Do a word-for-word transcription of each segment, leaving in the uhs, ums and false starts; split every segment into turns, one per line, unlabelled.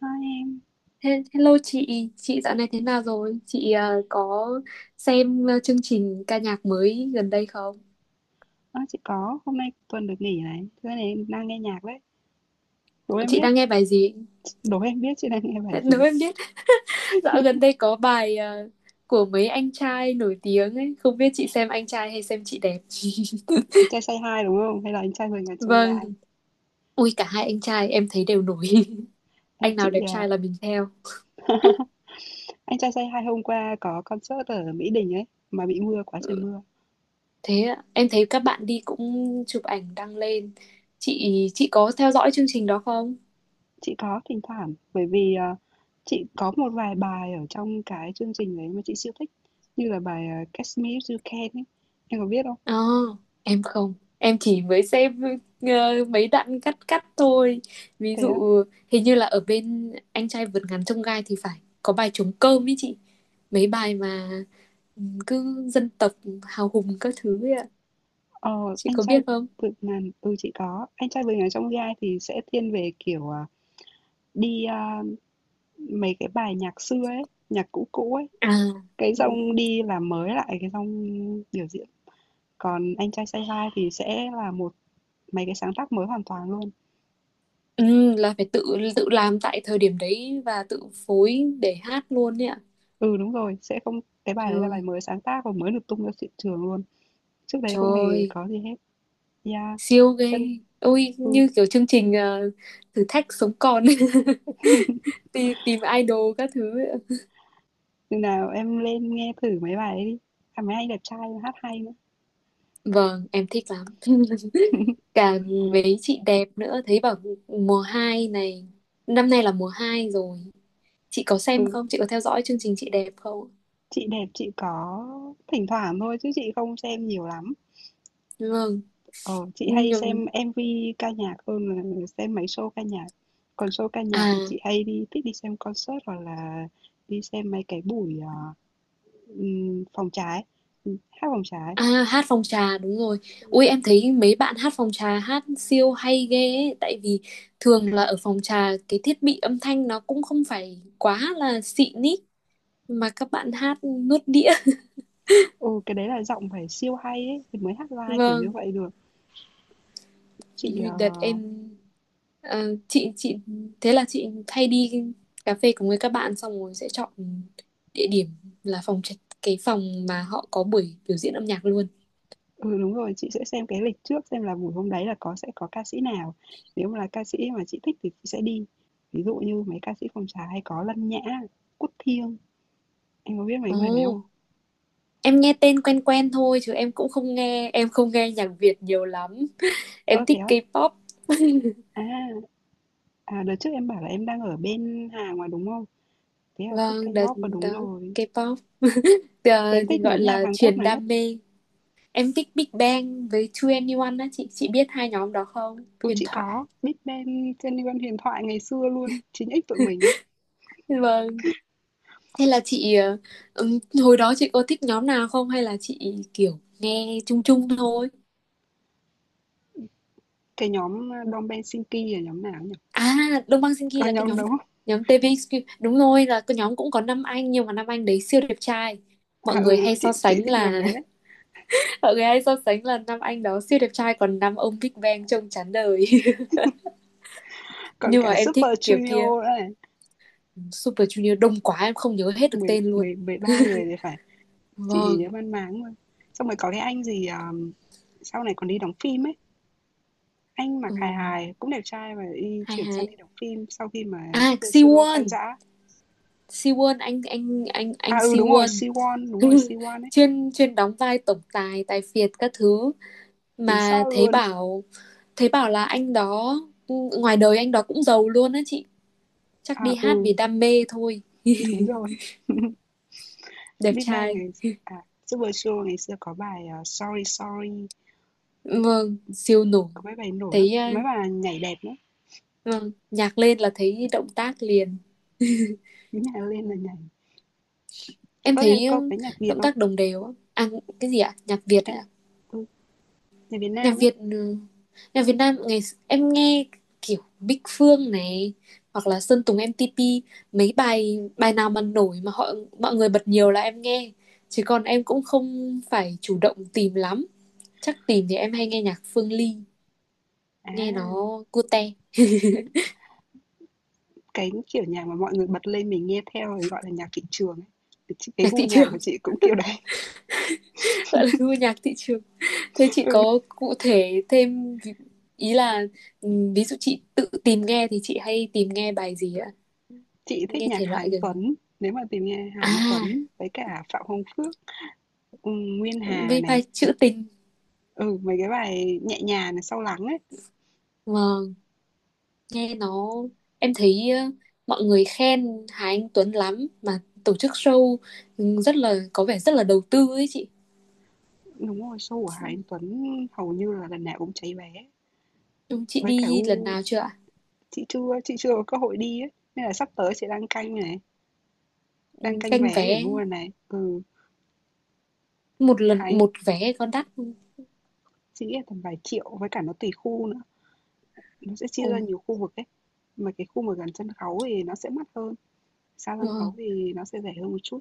Hai em,
He- Hello chị, chị dạo này thế nào rồi? Chị ờ, có xem ờ, chương trình ca nhạc mới gần đây không?
ơ, chị có, hôm nay tuần được nghỉ này, thế này em đang nghe nhạc đấy. Đố em
Chị
biết,
đang nghe bài gì?
đố em biết chị đang nghe bài
Nếu
gì?
em biết, dạo gần đây có bài ờ, của mấy anh trai nổi tiếng ấy, không biết chị xem anh trai hay xem chị đẹp.
Anh trai say hi đúng không? Hay là anh trai mười ngàn chông
Vâng,
gai?
ui cả hai anh trai em thấy đều nổi.
Em
Anh nào
chị,
đẹp
à,
trai là mình theo.
anh trai say hi hôm qua có concert ở Mỹ Đình ấy, mà bị mưa quá trời
Ừ,
mưa.
thế ạ. Em thấy các bạn đi cũng chụp ảnh đăng lên. Chị chị có theo dõi chương trình đó không?
Chị có thỉnh thoảng, bởi vì à, chị có một vài bài ở trong cái chương trình đấy mà chị siêu thích, như là bài à, Catch Me If You Can ấy. Em có biết không?
Ờ, em không, em chỉ mới xem ờ, mấy đoạn cắt cắt thôi. Ví
Thế
dụ hình như là ở bên anh trai vượt ngàn chông gai thì phải có bài trống cơm ý chị. Mấy bài mà ừ, cứ dân tộc hào hùng các thứ ấy ạ.
Ờ,
Chị
anh
có
trai
biết không?
vượt ngàn ừ, chị có. Anh trai vượt ngàn trong vi ai thì sẽ thiên về kiểu à, đi à, mấy cái bài nhạc xưa ấy, nhạc cũ cũ ấy.
À,
Cái dòng đi làm mới lại cái dòng biểu diễn. Còn anh trai say hi thì sẽ là một mấy cái sáng tác mới hoàn toàn luôn.
ừ, là phải tự tự làm tại thời điểm đấy và tự phối để hát luôn ấy ạ.
Ừ đúng rồi, sẽ không cái bài đấy là bài
Trời,
mới sáng tác và mới được tung ra thị trường luôn. Trước đấy không hề
trời,
có gì hết. Yeah.
siêu ghê.
Chân
Ôi,
ừ,
như kiểu chương trình ờ, thử thách sống còn. tìm, tìm idol các thứ.
chừng nào em lên nghe thử mấy bài đấy đi. À, mấy anh đẹp trai hát hay nữa.
Vâng, em thích lắm. Cả mấy chị đẹp nữa thấy bảo mùa hai này, năm nay là mùa hai rồi. Chị có xem
Ừ.
không, chị có theo dõi chương trình chị đẹp không?
Chị đẹp chị có thỉnh thoảng thôi chứ chị không xem nhiều lắm.
Vâng,
Ờ, chị hay
nhưng
xem em vê ca nhạc hơn là xem mấy show ca nhạc. Còn show ca nhạc
à.
thì chị hay đi thích đi xem concert hoặc là đi xem mấy cái buổi ờ, ừm, phòng trái. Ừ, hát phòng trái.
À, hát phòng trà đúng rồi. Ui em thấy mấy bạn hát phòng trà hát siêu hay ghê ấy, tại vì thường là ở phòng trà cái thiết bị âm thanh nó cũng không phải quá là xịn ý, mà các bạn hát nuốt đĩa.
Ừ, cái đấy là giọng phải siêu hay ấy thì mới hát live kiểu như
Vâng,
vậy được. Chị ờ,
đợt em. Ờ, chị chị thế là chị hay đi cà phê cùng với các bạn xong rồi sẽ chọn địa điểm là phòng trạch- cái phòng mà họ có buổi biểu diễn âm nhạc luôn.
Ừ, đúng rồi, chị sẽ xem cái lịch trước xem là buổi hôm đấy là có sẽ có ca sĩ nào. Nếu mà là ca sĩ mà chị thích thì chị sẽ đi. Ví dụ như mấy ca sĩ phòng trà hay có Lân Nhã, Quốc Thiêng, em có biết mấy người đấy không?
Ồ, em nghe tên quen quen thôi chứ em cũng không nghe, em không nghe nhạc Việt nhiều lắm. Em
Ơ thế
thích
á?
K-pop.
À, à đợt trước em bảo là em đang ở bên Hàn mà đúng không? Thế là thích
Vâng, đợt
K-pop và
đó
đúng rồi.
K-pop.
Thế em
Ờ, thì
thích
gọi
nhóm nhạc
là
Hàn Quốc
truyền
nào nhất?
đam mê. Em thích Big Bang với two N E one á chị, chị biết hai nhóm đó không?
Ừ
Huyền
chị
thoại.
có, Big Bang trên Liên Hoan Huyền Thoại ngày xưa luôn, chín ích tụi mình ấy.
Vâng. Thế là chị ờ, ừm, hồi đó chị có thích nhóm nào không hay là chị kiểu nghe chung chung thôi?
Cái nhóm uh, Đông Bang Sinki là nhóm nào nhỉ?
À, Đông Bang Sinki
Có
là cái
nhóm
nhóm
đúng không?
nhóm tê vê ích quy. Đúng rồi là cái nhóm cũng có năm anh nhưng mà năm anh đấy siêu đẹp trai. Mọi
À ừ,
người hay so
chị chị
sánh
thích nhóm
là
đấy.
mọi người hay so sánh là năm anh đó siêu đẹp trai còn năm ông Big Bang trông chán đời.
Còn
Nhưng mà
cả
em thích
Super
kiểu kia.
Junior nữa này,
Super Junior đông quá em không nhớ hết được
mười
tên luôn.
mười mười ba người thì phải, chị chỉ
Vâng.
nhớ mang máng thôi. Xong rồi có cái anh gì, ờm, sau này còn đi đóng phim ấy, anh mặc
Ừ,
hài hài, cũng đẹp trai và đi
hay
chuyển sang đi
hay.
đóng phim sau khi mà
À,
Super Junior
Siwon.
tan rã.
Siwon, anh anh anh
À
anh
ừ đúng rồi,
Siwon.
Siwon, đúng rồi Siwon ấy,
chuyên chuyên đóng vai tổng tài, tài phiệt các thứ,
thì
mà
sao
thấy
luôn.
bảo, thấy bảo là anh đó ừ, ngoài đời anh đó cũng giàu luôn á chị, chắc
À
đi hát
ừ,
vì đam mê thôi.
đúng rồi.
Đẹp
Big Bang
trai.
ngày à Super Junior ngày xưa có bài ờ, Sorry Sorry,
Vâng, siêu nổi.
có mấy bài nổi lắm,
Thấy ờ,
mấy bài nhảy đẹp lắm,
vâng nhạc lên là thấy động tác liền.
cứ nhảy lên là nhảy.
Em
Có thể
thấy ờ,
có cái nhạc Việt
động
không?
tác đồng đều á. À, cái gì ạ, nhạc Việt
Em
á?
tôi Nhạc Việt
Nhạc
Nam ấy?
Việt ừ, nhạc Việt Nam ngày. Em nghe kiểu Bích Phương này, hoặc là Sơn Tùng em tê pê, mấy bài bài nào mà nổi mà họ, mọi người bật nhiều là em nghe, chứ còn em cũng không phải chủ động tìm lắm. Chắc tìm thì em hay nghe nhạc Phương Ly,
À,
nghe nó cute.
cái, kiểu, nhạc mà mọi người bật lên mình nghe theo rồi gọi là nhạc thị trường ấy. Thì ch cái
Nhạc
gu
thị
nhạc của
trường.
chị cũng kiểu đấy.
gọi là gu nhạc thị trường. Thế chị
Ừ,
có cụ thể thêm ví- ý là ừ, ví dụ chị tự tìm nghe thì chị hay tìm nghe bài gì ạ?
chị thích
Nghe
nhạc
thể
Hà
loại
Anh
gần.
Tuấn, nếu mà tìm nghe Hà Anh
À,
Tuấn với cả Phạm Hồng Phước, ừm, Nguyên Hà
với bài
này,
trữ tình.
ừ, mấy cái bài nhẹ nhàng này, Sâu lắng ấy.
Vâng, nghe nó, em thấy ờ, mọi người khen Hà Anh Tuấn lắm, mà tổ chức show ừ, rất là có vẻ rất là đầu tư ấy chị.
Đúng rồi, show của Hà Anh Tuấn hầu như là lần nào cũng cháy vé.
Chúng chị
Với cả
đi lần
gu
nào chưa ạ?
chị chưa chị chưa có cơ hội đi ấy, nên là sắp tới chị đang canh này, đang
Ừ,
canh
canh
vé để
vé.
mua này. Ừ,
Một
Hà
lần
Anh
một vé có đắt không?
Chị nghĩ là tầm vài triệu với cả nó tùy khu nữa. Nó sẽ chia ra
Ôi,
nhiều khu vực ấy, mà cái khu mà gần sân khấu thì nó sẽ mắc hơn, xa sân
vâng.
khấu thì nó sẽ rẻ hơn một chút.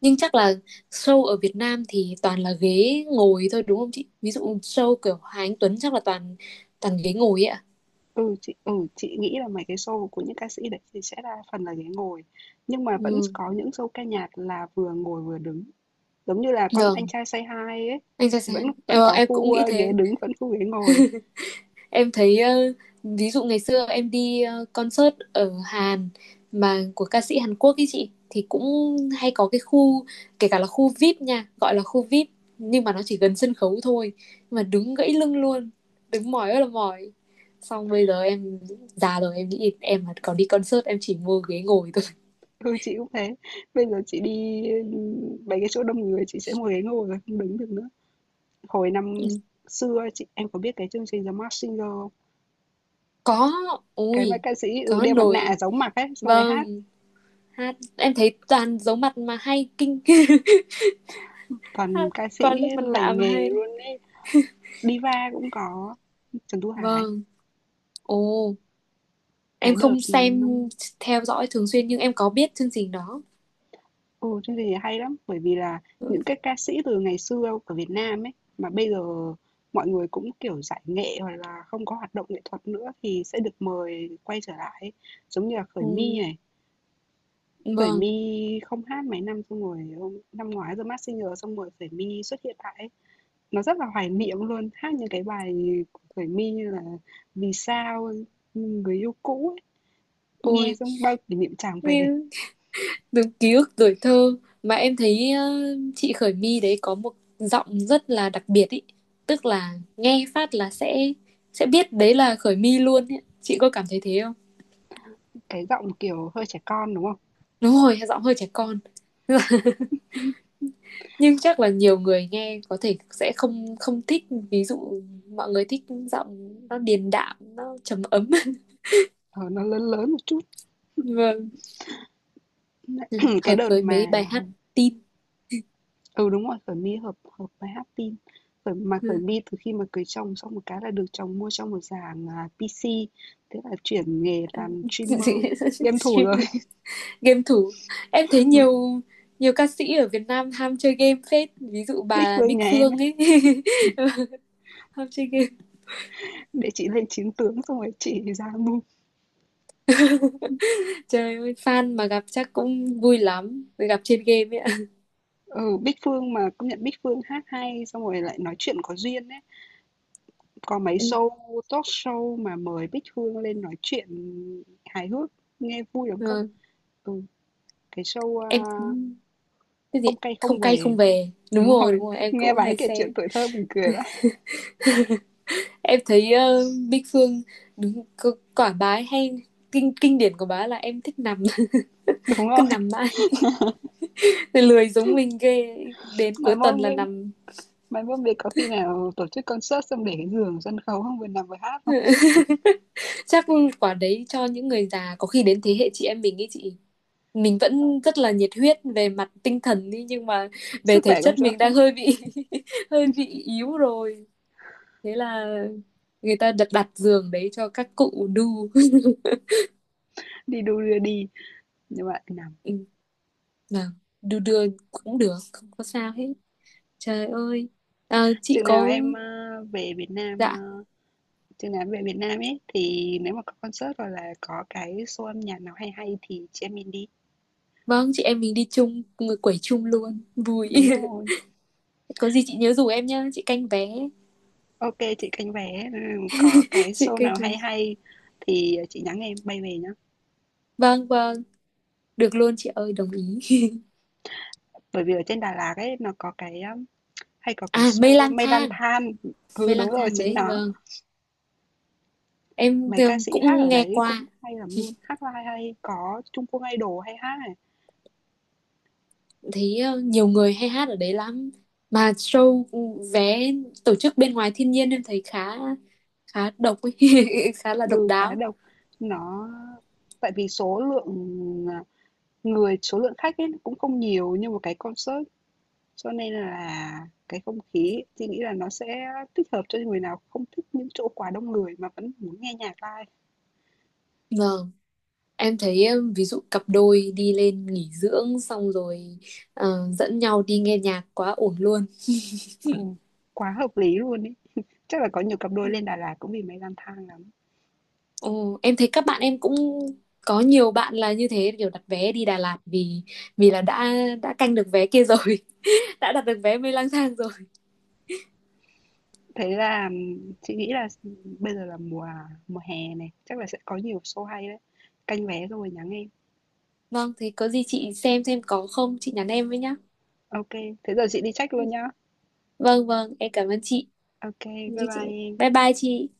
Nhưng chắc là show ở Việt Nam thì toàn là ghế ngồi thôi đúng không chị? Ví dụ show kiểu Hà Anh Tuấn chắc là toàn toàn ghế ngồi ấy ạ.
Ừ, chị ừ, chị nghĩ là mấy cái show của những ca sĩ đấy thì sẽ đa phần là ghế ngồi, nhưng mà vẫn
Ừ,
có những show ca nhạc là vừa ngồi vừa đứng, giống như là con Anh
vâng,
Trai Say Hi ấy,
anh ra
thì
sao?
vẫn vẫn
Ờ,
có
em cũng
khu,
nghĩ
ơ, ghế
thế.
đứng, vẫn khu ghế ngồi.
Em thấy ờ, ví dụ ngày xưa em đi ờ, concert ở Hàn mà của ca sĩ Hàn Quốc ấy chị, thì cũng hay có cái khu, kể cả là khu VIP nha, gọi là khu VIP nhưng mà nó chỉ gần sân khấu thôi, nhưng mà đứng gãy lưng luôn, đứng mỏi ơi là mỏi. Xong bây giờ em già rồi, em nghĩ em mà còn đi concert em chỉ mua ghế ngồi thôi.
Ừ, chị cũng thế, bây giờ chị đi, ừm, mấy cái chỗ đông người chị sẽ ngồi ghế ngồi rồi không đứng được nữa. Hồi năm
Ừ,
xưa chị em có biết cái chương trình The Masked Singer không?
có,
Cái mà
ui,
ca sĩ, ừ,
có
đeo mặt nạ
nổi.
giấu mặt ấy, xong rồi hát.
Vâng, hát em thấy toàn giấu mặt mà hay kinh.
Còn
Hát
ca sĩ
quá lớp mặt nạ
lành
mà
nghề
hay.
luôn ấy, diva cũng có Trần Thu Hải.
Vâng. Ồ, em
Cái đợt
không
ừ,
xem
năm
theo dõi thường xuyên nhưng em có biết chương trình đó.
ừ, chương trình này hay lắm, bởi vì là những cái ca sĩ từ ngày xưa của Việt Nam ấy mà bây giờ mọi người cũng kiểu giải nghệ hoặc là không có hoạt động nghệ thuật nữa thì sẽ được mời quay trở lại ấy. Giống như là Khởi
Ừ,
My này, Khởi
vâng,
My không hát mấy năm xong rồi hôm- năm ngoái The Masked Singer xong rồi Khởi My xuất hiện lại ấy. Nó rất là hoài niệm luôn, hát những cái bài của Khởi My như là "Vì sao", ừ, "Người yêu cũ" ấy, nghe
ôi,
xong bao kỷ niệm tràn về.
nguyên từng ký ức tuổi thơ. Mà em thấy ờ, chị Khởi My đấy có một giọng rất là đặc biệt ý, tức là nghe phát là sẽ sẽ biết đấy là Khởi My luôn ý. Chị có cảm thấy thế không?
Cái giọng, kiểu, hơi trẻ con, đúng không?
Đúng rồi, giọng hơi trẻ con. Nhưng chắc là nhiều người nghe có thể sẽ không không thích, ví dụ mọi người thích giọng nó điềm đạm, nó trầm ấm.
Ờ, nó lớn lớn một chút.
Vâng. Ừ,
Ừm, cái
hợp
đợt
với
mà
mấy bài hát tin.
ừ, đúng rồi, Khởi My hợp hợp với Hát tin mà Khởi
Ừ.
My từ khi mà cưới chồng xong một cái là được chồng mua cho một dàn, à, pê xê, thế là chuyển nghề làm streamer, game thủ
Stream,
rồi.
game thủ. Em thấy
Ừm,
nhiều nhiều ca sĩ ở Việt Nam ham chơi game phết, ví dụ
Bích
bà
Phương
Bích
nhà em
Phương
ấy,
ấy. Ham chơi game.
để chị lên chiến tướng xong rồi chị ra mua.
Trời ơi fan mà gặp chắc cũng vui lắm, gặp trên game ấy ạ.
Ừ, Bích Phương mà công nhận Bích Phương hát hay xong rồi lại nói chuyện có duyên ấy. Có mấy
Ừ,
show talk show mà mời Bích Phương lên nói chuyện hài hước nghe vui lắm cơ.
vâng.
Ừ, cái show à,
Em, cái gì,
không cay không
không cay
về.
không về. Đúng
Đúng
rồi
rồi,
đúng rồi em
nghe
cũng
bà ấy
hay
kể chuyện
xem.
tuổi thơ mình cười vậy.
Em thấy ờ, Bích Phương đúng c- quả bá hay, kinh, kinh điển của bá là em thích nằm.
Đúng
Cứ
rồi.
nằm mãi, lười giống mình ghê, đến
mà
cuối tuần
môn
là
bên
nằm.
mà môn bên có khi nào tổ chức concert xong để cái giường sân khấu không vừa nằm vừa hát không?
Chắc quả đấy cho những người già, có khi đến thế hệ chị em mình ấy chị, mình vẫn rất là nhiệt huyết về mặt tinh thần đi nhưng mà về
Sức
thể
khỏe không
chất
cho
mình
phép
đang hơi bị hơi bị yếu rồi. Thế là người ta đặt đặt giường đấy cho các cụ đu.
đi đu đưa đi nhưng mà nằm.
Ừ, nào đu đưa cũng được không có sao hết. Trời ơi. À, chị
Chừng nào
có,
em à, về Việt Nam à,
dạ
Chứ nói về Việt Nam ấy thì nếu mà có concert hoặc là có cái show âm nhạc nào hay hay thì chị em mình đi.
vâng, chị em mình đi chung, người quẩy chung luôn vui.
Đúng rồi.
Có gì chị nhớ rủ em nhá, chị canh vé.
Ok chị canh vé, ừ, có cái
Chị
show
canh
nào
vé,
hay hay thì chị nhắn em bay về nhá.
vâng vâng, được luôn chị ơi, đồng ý.
Bởi vì ở trên Đà Lạt ấy nó có cái um, hay có cái
À, mây
show
lang
Mây Lan
thang,
Than. Ừ
mây
đúng
lang
rồi
thang
chính
đấy
nó.
vâng. Em
Mấy ca sĩ hát
cũng
ở
nghe
đấy
qua.
cũng hay lắm luôn, hát live hay, có Trung Quốc Idol hay hát này.
thấy ờ, nhiều người hay hát ở đấy lắm, mà show, vé, tổ chức bên ngoài thiên nhiên em thấy khá khá độc ấy. Khá là độc
Ừ cá
đáo.
độc nó Tại vì số lượng à, người số lượng khách ấy cũng không nhiều như một cái concert. Cho nên là cái không khí chị nghĩ là nó sẽ thích hợp cho người nào không thích những chỗ quá đông người mà vẫn muốn nghe nhạc live.
Vâng em thấy ờ, ví dụ cặp đôi đi lên nghỉ dưỡng xong rồi uh, dẫn nhau đi nghe nhạc quá ổn luôn.
Ừ, quá hợp lý luôn ấy. Chắc là có nhiều cặp đôi lên Đà Lạt cũng vì máy lang thang lắm.
Ồ, em thấy các bạn em cũng có nhiều bạn là như thế, kiểu đặt vé đi Đà Lạt vì, vì là đã đã canh được vé kia rồi. Đã đặt được vé mê lang thang rồi.
Thế là chị nghĩ là bây giờ là mùa mùa hè này, chắc là sẽ có nhiều show hay đấy. Canh vé rồi nhắn em.
Vâng, thế có gì chị xem xem có không chị nhắn em với nhá.
Ok, thế giờ chị đi check luôn nhá.
Vâng vâng, em cảm ơn chị.
Ok, bye
Như chị,
bye em.
bye bye chị.